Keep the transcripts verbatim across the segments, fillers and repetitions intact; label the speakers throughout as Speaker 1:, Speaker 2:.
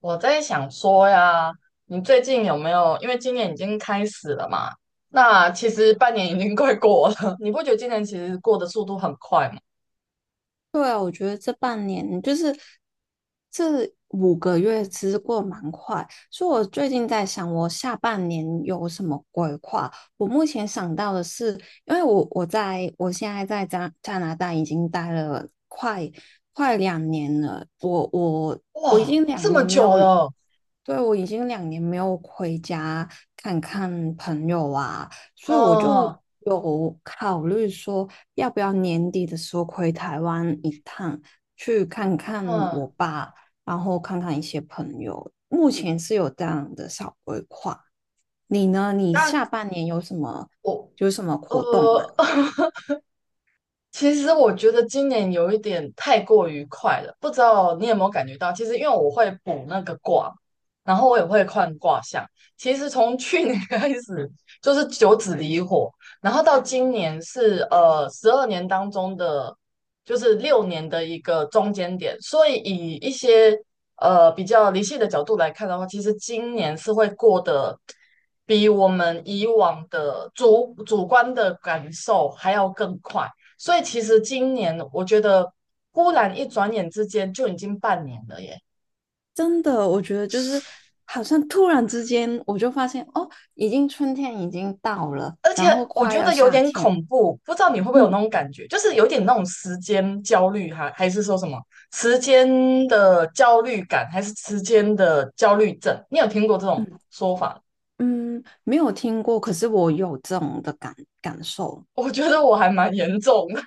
Speaker 1: 我在想说呀，你最近有没有？因为今年已经开始了嘛，那其实半年已经快过了，你不觉得今年其实过的速度很快吗？
Speaker 2: 对啊，我觉得这半年就是这五个月，其实过得蛮快。所以我最近在想，我下半年有什么规划？我目前想到的是，因为我我在我现在在加加拿大已经待了快快两年了，我我我已
Speaker 1: 哇，
Speaker 2: 经两
Speaker 1: 这么
Speaker 2: 年没
Speaker 1: 久
Speaker 2: 有
Speaker 1: 了
Speaker 2: 对，我已经两年没有回家看看朋友啊，所以我就
Speaker 1: 啊。
Speaker 2: 有考虑说，要不要年底的时候回台湾一趟，去看看
Speaker 1: 嗯。
Speaker 2: 我爸，然后看看一些朋友。目前是有这样的小规划。你呢？你下
Speaker 1: 那
Speaker 2: 半年有什么
Speaker 1: 我
Speaker 2: 有什么活动吗？
Speaker 1: 呃其实我觉得今年有一点太过于快了，不知道你有没有感觉到？其实因为我会补那个卦，然后我也会看卦象。其实从去年 开始就是九紫离火，然后到今年是呃十二年当中的就是六年的一个中间点，所以以一些呃比较理性的角度来看的话，其实今年是会过得比我们以往的主主观的感受还要更快。所以其实今年我觉得，忽然一转眼之间就已经半年了耶。
Speaker 2: 真的，我觉得就是好像突然之间，我就发现哦，已经春天已经到了，
Speaker 1: 而且
Speaker 2: 然后
Speaker 1: 我
Speaker 2: 快
Speaker 1: 觉
Speaker 2: 要
Speaker 1: 得有
Speaker 2: 夏
Speaker 1: 点
Speaker 2: 天，
Speaker 1: 恐怖，不知道你会不会有那
Speaker 2: 嗯。
Speaker 1: 种感觉，就是有点那种时间焦虑，还还是说什么时间的焦虑感，还是时间的焦虑症？你有听过这种
Speaker 2: 嗯
Speaker 1: 说法？
Speaker 2: 嗯，没有听过，可是我有这种的感感受，
Speaker 1: 我觉得我还蛮严重的。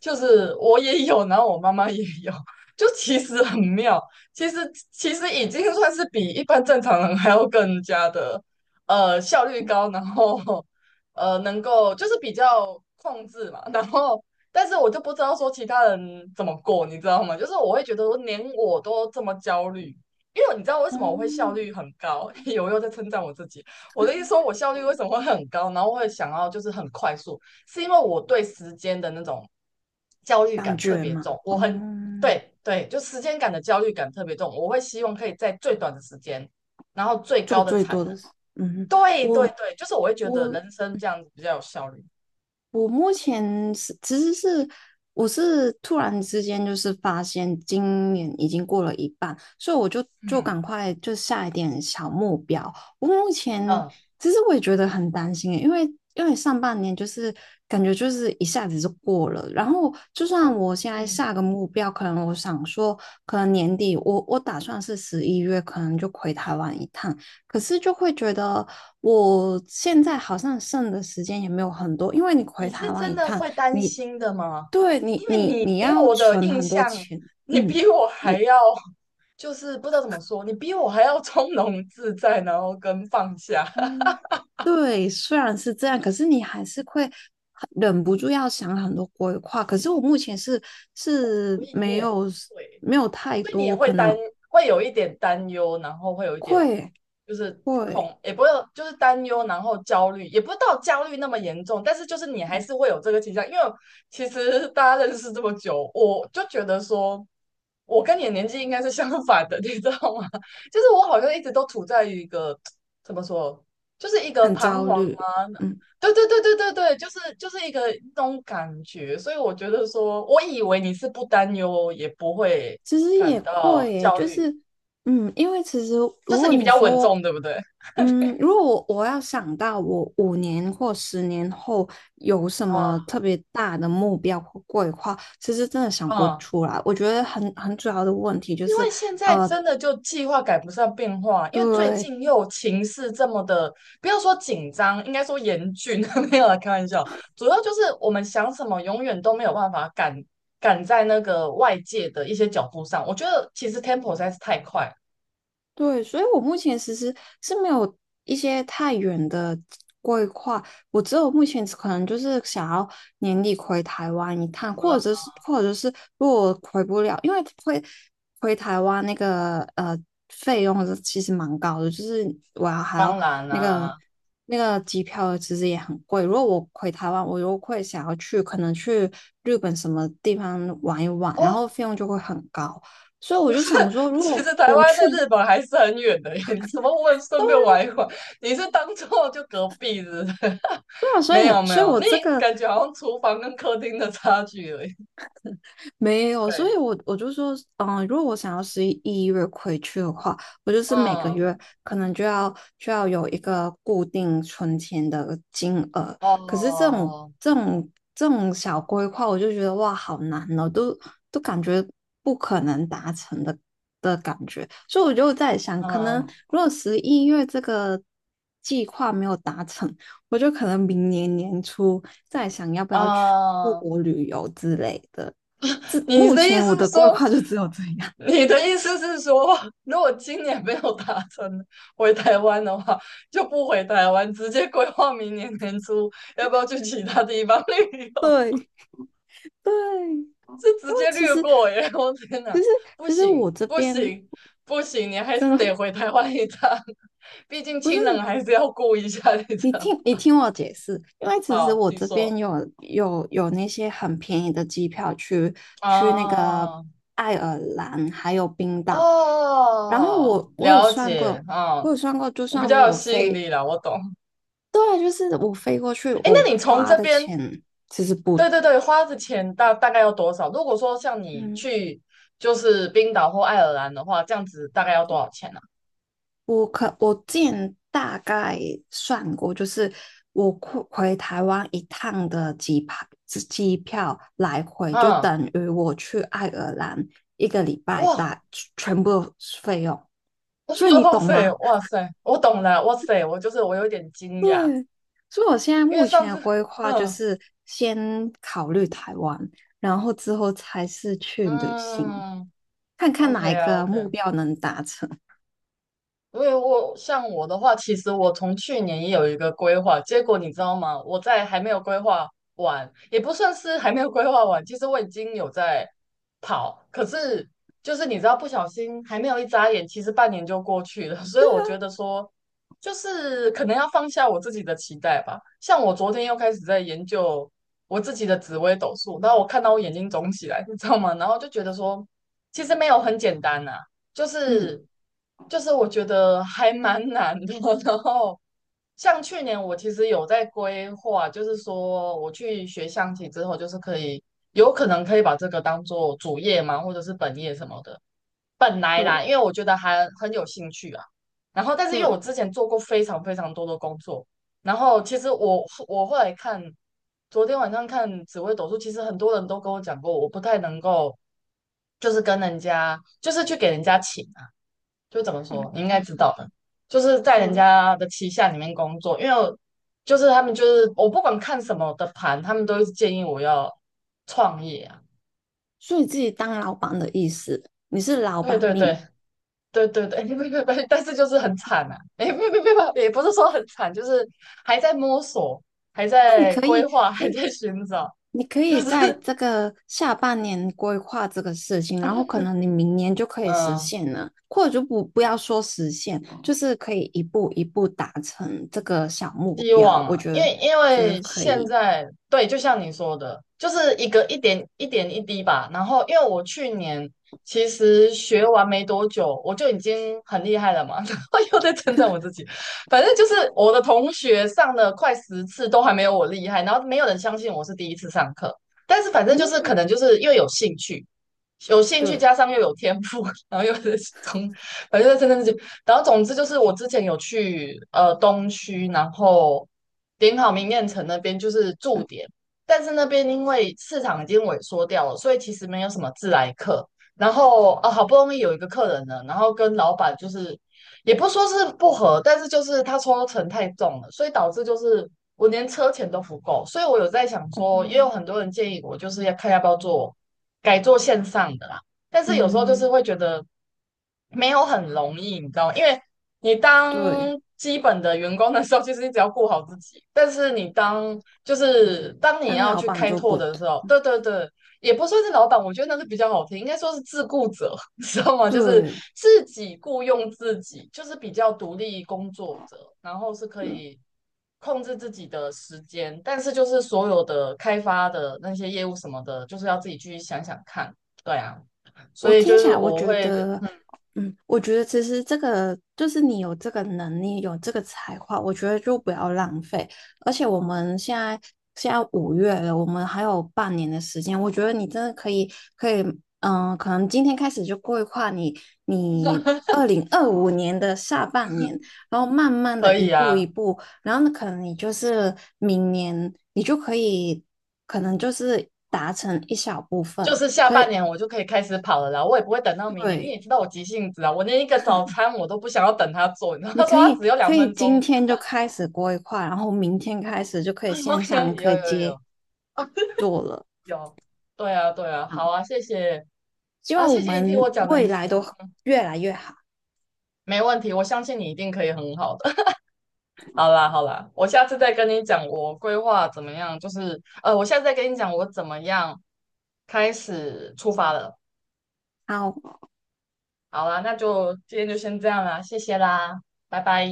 Speaker 1: 就是我也有，然后我妈妈也有，就其实很妙。其实其实已经算是比一般正常人还要更加的呃效率高，然后呃能够就是比较控制嘛，然后但是我就不知道说其他人怎么过，你知道吗？就是我会觉得我连我都这么焦虑。因为你知道为什么我会效
Speaker 2: 哦，
Speaker 1: 率很高？我又在称赞我自己。我的意思说，我效率为什么会很高？然后会想要就是很快速，是因为我对时间的那种焦虑
Speaker 2: 感
Speaker 1: 感特
Speaker 2: 觉
Speaker 1: 别
Speaker 2: 嘛，
Speaker 1: 重，我很
Speaker 2: 嗯，
Speaker 1: 对对，就时间感的焦虑感特别重，我会希望可以在最短的时间，然后最
Speaker 2: 做
Speaker 1: 高的
Speaker 2: 最
Speaker 1: 产
Speaker 2: 多
Speaker 1: 能。
Speaker 2: 的是，嗯，
Speaker 1: 对对
Speaker 2: 我
Speaker 1: 对，就是我会觉得
Speaker 2: 我
Speaker 1: 人生这样子比较有效率。
Speaker 2: 我目前是其实是我是突然之间就是发现今年已经过了一半，所以我就就
Speaker 1: 嗯
Speaker 2: 赶快就下一点小目标。我目前
Speaker 1: 嗯
Speaker 2: 其实我也觉得很担心耶因为因为上半年就是感觉就是一下子就过了，然后就
Speaker 1: 嗯，
Speaker 2: 算我现在
Speaker 1: 你
Speaker 2: 下个目标，可能我想说可能年底我我打算是十一月可能就回台湾一趟，可是就会觉得我现在好像剩的时间也没有很多，因为你
Speaker 1: 你
Speaker 2: 回台
Speaker 1: 是
Speaker 2: 湾
Speaker 1: 真
Speaker 2: 一
Speaker 1: 的
Speaker 2: 趟，
Speaker 1: 会担
Speaker 2: 你
Speaker 1: 心的吗？
Speaker 2: 对你
Speaker 1: 因为
Speaker 2: 你
Speaker 1: 你
Speaker 2: 你
Speaker 1: 给
Speaker 2: 要
Speaker 1: 我的
Speaker 2: 存
Speaker 1: 印
Speaker 2: 很多
Speaker 1: 象，
Speaker 2: 钱，
Speaker 1: 你
Speaker 2: 嗯，
Speaker 1: 比我还
Speaker 2: 你
Speaker 1: 要，就是不知道怎么说，你比我还要 从容自在，然后跟放下。
Speaker 2: 嗯，对，虽然是这样，可是你还是会很忍不住要想很多规划。可是我目前是 是
Speaker 1: 所以你
Speaker 2: 没
Speaker 1: 也会。
Speaker 2: 有没有太
Speaker 1: 所以你也
Speaker 2: 多，
Speaker 1: 会
Speaker 2: 可
Speaker 1: 担，
Speaker 2: 能
Speaker 1: 会有一点担忧，然后会有一点
Speaker 2: 会
Speaker 1: 就是
Speaker 2: 会
Speaker 1: 恐，也不会就是担忧，然后焦虑，也不到焦虑那么严重，但是就是你还
Speaker 2: 嗯
Speaker 1: 是会有这个倾向。因为其实大家认识这么久，我就觉得说，我跟你的年纪应该是相反的，你知道吗？就是我好像一直都处在于一个怎么说，就是一个
Speaker 2: 很
Speaker 1: 彷
Speaker 2: 焦
Speaker 1: 徨
Speaker 2: 虑，
Speaker 1: 啊。
Speaker 2: 嗯。
Speaker 1: 对对对对对对，就是就是一个那种感觉，所以我觉得说，我以为你是不担忧，也不会
Speaker 2: 其实
Speaker 1: 感
Speaker 2: 也
Speaker 1: 到
Speaker 2: 会耶，
Speaker 1: 焦
Speaker 2: 就
Speaker 1: 虑，
Speaker 2: 是，嗯，因为其实
Speaker 1: 就
Speaker 2: 如
Speaker 1: 是
Speaker 2: 果
Speaker 1: 你比
Speaker 2: 你
Speaker 1: 较稳
Speaker 2: 说，
Speaker 1: 重，对不对？
Speaker 2: 嗯，如果我我要想到我五年或十年后有什么
Speaker 1: 啊，
Speaker 2: 特别大的目标或规划，其实真的想不
Speaker 1: 嗯，
Speaker 2: 出来。我觉得很很主要的问题就
Speaker 1: 因
Speaker 2: 是，
Speaker 1: 为现在
Speaker 2: 呃，
Speaker 1: 真的就计划赶不上变化，因为最
Speaker 2: 对，
Speaker 1: 近又情势这么的，不要说紧张，应该说严峻。没有啦，开玩笑，主要就是我们想什么，永远都没有办法赶赶在那个外界的一些脚步上。我觉得其实 tempo 实在是太快了。
Speaker 2: 对，所以我目前其实是没有一些太远的规划，我只有目前可能就是想要年底回台湾一趟，或者
Speaker 1: 嗯，
Speaker 2: 是或者是如果回不了，因为回回台湾那个呃费用是其实蛮高的，就是我要还要
Speaker 1: 当然
Speaker 2: 那个
Speaker 1: 啦。
Speaker 2: 那个机票其实也很贵。如果我回台湾，我又会想要去可能去日本什么地方玩一玩，然
Speaker 1: 哦，
Speaker 2: 后费用就会很高。所以我就想说，如
Speaker 1: 其实
Speaker 2: 果
Speaker 1: 台
Speaker 2: 我
Speaker 1: 湾
Speaker 2: 去，
Speaker 1: 在日本还是很远的耶，你怎么问顺便
Speaker 2: 都。
Speaker 1: 玩一玩？你是当做就隔壁是不是？
Speaker 2: 对啊所
Speaker 1: 没
Speaker 2: 以
Speaker 1: 有没
Speaker 2: 所以
Speaker 1: 有，
Speaker 2: 我
Speaker 1: 那
Speaker 2: 这个
Speaker 1: 感觉好像厨房跟客厅的差距而已。
Speaker 2: 没有，所
Speaker 1: 对，
Speaker 2: 以我我就说，嗯，如果我想要十一月回去的话，我就是每个
Speaker 1: 嗯，
Speaker 2: 月可能就要就要有一个固定存钱的金额。可是这种
Speaker 1: 哦，
Speaker 2: 这种这种小规划，我就觉得哇，好难哦，都都感觉不可能达成的的感觉。所以我就在想，可能
Speaker 1: 嗯
Speaker 2: 如果十一月这个计划没有达成，我就可能明年年初再想要不要去出
Speaker 1: 嗯，
Speaker 2: 国旅游之类的。这
Speaker 1: 你
Speaker 2: 目
Speaker 1: 的意
Speaker 2: 前
Speaker 1: 思
Speaker 2: 我
Speaker 1: 是
Speaker 2: 的规
Speaker 1: 说，
Speaker 2: 划就只有这样。
Speaker 1: 你的意思是说，如果今年没有达成回台湾的话，就不回台湾，直接规划明年年初要不要去其他地方旅游，
Speaker 2: 对，
Speaker 1: 是直
Speaker 2: 因为
Speaker 1: 接
Speaker 2: 其
Speaker 1: 略
Speaker 2: 实
Speaker 1: 过耶！我天
Speaker 2: 其
Speaker 1: 哪，
Speaker 2: 实
Speaker 1: 不
Speaker 2: 其实
Speaker 1: 行
Speaker 2: 我这
Speaker 1: 不
Speaker 2: 边
Speaker 1: 行不行，你还是
Speaker 2: 真
Speaker 1: 得
Speaker 2: 的
Speaker 1: 回台湾一趟，毕竟
Speaker 2: 不是
Speaker 1: 亲人还是要顾一下，你知
Speaker 2: 你
Speaker 1: 道？
Speaker 2: 听你听我解释，因为其实
Speaker 1: 好，
Speaker 2: 我
Speaker 1: 你
Speaker 2: 这边
Speaker 1: 说。
Speaker 2: 有有有那些很便宜的机票去去那个
Speaker 1: 啊，
Speaker 2: 爱尔兰还有冰岛，然后
Speaker 1: 哦，
Speaker 2: 我我有
Speaker 1: 了
Speaker 2: 算
Speaker 1: 解，
Speaker 2: 过，我
Speaker 1: 嗯，
Speaker 2: 有算过，就
Speaker 1: 我比
Speaker 2: 算
Speaker 1: 较有
Speaker 2: 我
Speaker 1: 吸引
Speaker 2: 飞，
Speaker 1: 力了，我懂。
Speaker 2: 对，就是我飞过去，
Speaker 1: 哎，
Speaker 2: 我
Speaker 1: 那你从
Speaker 2: 花
Speaker 1: 这
Speaker 2: 的
Speaker 1: 边，
Speaker 2: 钱其实不，
Speaker 1: 对对对，花的钱大大概要多少？如果说像你
Speaker 2: 嗯，
Speaker 1: 去就是冰岛或爱尔兰的话，这样子大概要多少钱呢？
Speaker 2: 我可我之前大概算过，就是我回回台湾一趟的机票，机票来回就
Speaker 1: 啊？嗯，
Speaker 2: 等于我去爱尔兰一个礼拜
Speaker 1: 哇。
Speaker 2: 大全部费用，所以 你
Speaker 1: 哇
Speaker 2: 懂
Speaker 1: 塞，
Speaker 2: 吗？
Speaker 1: 哇 塞，我懂了，哇塞，我就是我有点惊讶，
Speaker 2: 对，所以我现在
Speaker 1: 因为
Speaker 2: 目
Speaker 1: 上
Speaker 2: 前的
Speaker 1: 次，
Speaker 2: 规划就
Speaker 1: 嗯
Speaker 2: 是先考虑台湾，然后之后才是去旅行，
Speaker 1: 嗯
Speaker 2: 看看
Speaker 1: ，OK
Speaker 2: 哪一
Speaker 1: 啊
Speaker 2: 个目
Speaker 1: ，OK。
Speaker 2: 标能达成。
Speaker 1: 因为我像我的话，其实我从去年也有一个规划，结果你知道吗？我在还没有规划完，也不算是还没有规划完，其实我已经有在跑，可是就是你知道，不小心还没有一眨眼，其实半年就过去了，所以
Speaker 2: 对
Speaker 1: 我
Speaker 2: 啊，
Speaker 1: 觉得说，就是可能要放下我自己的期待吧。像我昨天又开始在研究我自己的紫微斗数，然后我看到我眼睛肿起来，你知道吗？然后就觉得说，其实没有很简单呐。就
Speaker 2: 嗯，
Speaker 1: 是就是我觉得还蛮难的。然后像去年我其实有在规划，就是说我去学象棋之后，就是可以有可能可以把这个当做主业嘛，或者是本业什么的。本来啦，
Speaker 2: 对
Speaker 1: 因为我觉得还很有兴趣啊。然后，但是因为我
Speaker 2: 对，
Speaker 1: 之前做过非常非常多的工作，然后其实我我后来看，昨天晚上看紫薇斗数，其实很多人都跟我讲过，我不太能够就是跟人家就是去给人家请。就怎么说，你
Speaker 2: 嗯
Speaker 1: 应该知道的，就是在人
Speaker 2: 对。
Speaker 1: 家的旗下里面工作。因为我就是他们就是我不管看什么的盘，他们都是建议我要创业啊。
Speaker 2: 所以自己当老板的意思，你是老
Speaker 1: 对
Speaker 2: 板
Speaker 1: 对对
Speaker 2: 命，
Speaker 1: 对对对，不不不，但是就是很惨啊，哎，不不不不，也不是说很惨，就是还在摸索，还在
Speaker 2: 所
Speaker 1: 规
Speaker 2: 以
Speaker 1: 划，还在寻找，
Speaker 2: 你可
Speaker 1: 就
Speaker 2: 以在
Speaker 1: 是
Speaker 2: 这个下半年规划这个事情，然后 可能你明年就可以实
Speaker 1: 嗯。
Speaker 2: 现了，或者就不不要说实现，就是可以一步一步达成这个小目
Speaker 1: 希
Speaker 2: 标。
Speaker 1: 望
Speaker 2: 我
Speaker 1: 啊，
Speaker 2: 觉
Speaker 1: 因
Speaker 2: 得，
Speaker 1: 为因为现在对，就像你说的，就是一个一点一点一滴吧。然后，因为我去年其实学完没多久，我就已经很厉害了嘛。然后又在称赞我自己，反正就是我的同学上了快十次都还没有我厉害，然后没有人相信我是第一次上课。但是反正就是
Speaker 2: 嗯，
Speaker 1: 可能就是又有兴趣，有兴趣
Speaker 2: 对，
Speaker 1: 加上又有天赋，然后又是从，反正在称赞自己。然后总之就是我之前有去呃东区，然后点好明艳城那边就是驻
Speaker 2: 嗯
Speaker 1: 点，但是那边因为市场已经萎缩掉了，所以其实没有什么自来客。然后啊，好
Speaker 2: 嗯
Speaker 1: 不容易有一个客人呢，然后跟老板就是也不说是不合，但是就是他抽成太重了，所以导致就是我连车钱都不够。所以我有在想说，也有
Speaker 2: 嗯
Speaker 1: 很多人建议我就是要看要不要做改做线上的啦。但是有时候就是
Speaker 2: 嗯
Speaker 1: 会觉得没有很容易，你知道吗？因为你
Speaker 2: 对，
Speaker 1: 当基本的员工的时候，其实你只要顾好自己，但是你当就是当你
Speaker 2: 当
Speaker 1: 要
Speaker 2: 老
Speaker 1: 去
Speaker 2: 板
Speaker 1: 开
Speaker 2: 就
Speaker 1: 拓
Speaker 2: 不
Speaker 1: 的
Speaker 2: 对，
Speaker 1: 时候，对对对，也不算是老板，我觉得那是比较好听，应该说是自雇者，你知道吗？就是
Speaker 2: 对，
Speaker 1: 自己雇佣自己，就是比较独立工作者，然后是可
Speaker 2: 对
Speaker 1: 以控制自己的时间，但是就是所有的开发的那些业务什么的，就是要自己去想想看。对啊。所
Speaker 2: 我
Speaker 1: 以就
Speaker 2: 听起
Speaker 1: 是
Speaker 2: 来，我
Speaker 1: 我
Speaker 2: 觉
Speaker 1: 会
Speaker 2: 得，嗯，我觉得其实这个就是你有这个能力，有这个才华，我觉得就不要浪费。而且我们现在现在五月了，我们还有半年的时间，我觉得你真的可以可以，嗯、可能今天开始就规划你你二零二五年的下半年，然后慢慢的
Speaker 1: 可
Speaker 2: 一
Speaker 1: 以
Speaker 2: 步一
Speaker 1: 啊，
Speaker 2: 步，然后呢，可能你就是明年你就可以，可能就是达成一小部
Speaker 1: 就
Speaker 2: 分，
Speaker 1: 是下
Speaker 2: 可
Speaker 1: 半
Speaker 2: 以，
Speaker 1: 年我就可以开始跑了啦，我也不会等到明年。你也
Speaker 2: 对。
Speaker 1: 知道我急性子啊，我连一个早餐我都不想要等他做，你知道
Speaker 2: 你
Speaker 1: 他说
Speaker 2: 可
Speaker 1: 他
Speaker 2: 以
Speaker 1: 只有
Speaker 2: 可
Speaker 1: 两
Speaker 2: 以
Speaker 1: 分
Speaker 2: 今
Speaker 1: 钟。
Speaker 2: 天就开始规划，然后明天开始就可以 线上
Speaker 1: OK，有
Speaker 2: 可以
Speaker 1: 有
Speaker 2: 接
Speaker 1: 有
Speaker 2: 做了
Speaker 1: 有，对啊对啊，
Speaker 2: 啊！
Speaker 1: 好啊。谢谢
Speaker 2: 希
Speaker 1: 啊，
Speaker 2: 望我
Speaker 1: 谢谢你听我
Speaker 2: 们
Speaker 1: 讲那
Speaker 2: 未
Speaker 1: 些，
Speaker 2: 来都越来越好。
Speaker 1: 没问题，我相信你一定可以很好的。好啦好啦，我下次再跟你讲我规划怎么样，就是呃，我下次再跟你讲我怎么样开始出发了。
Speaker 2: 好，
Speaker 1: 好啦，那就今天就先这样啦，谢谢啦，拜拜。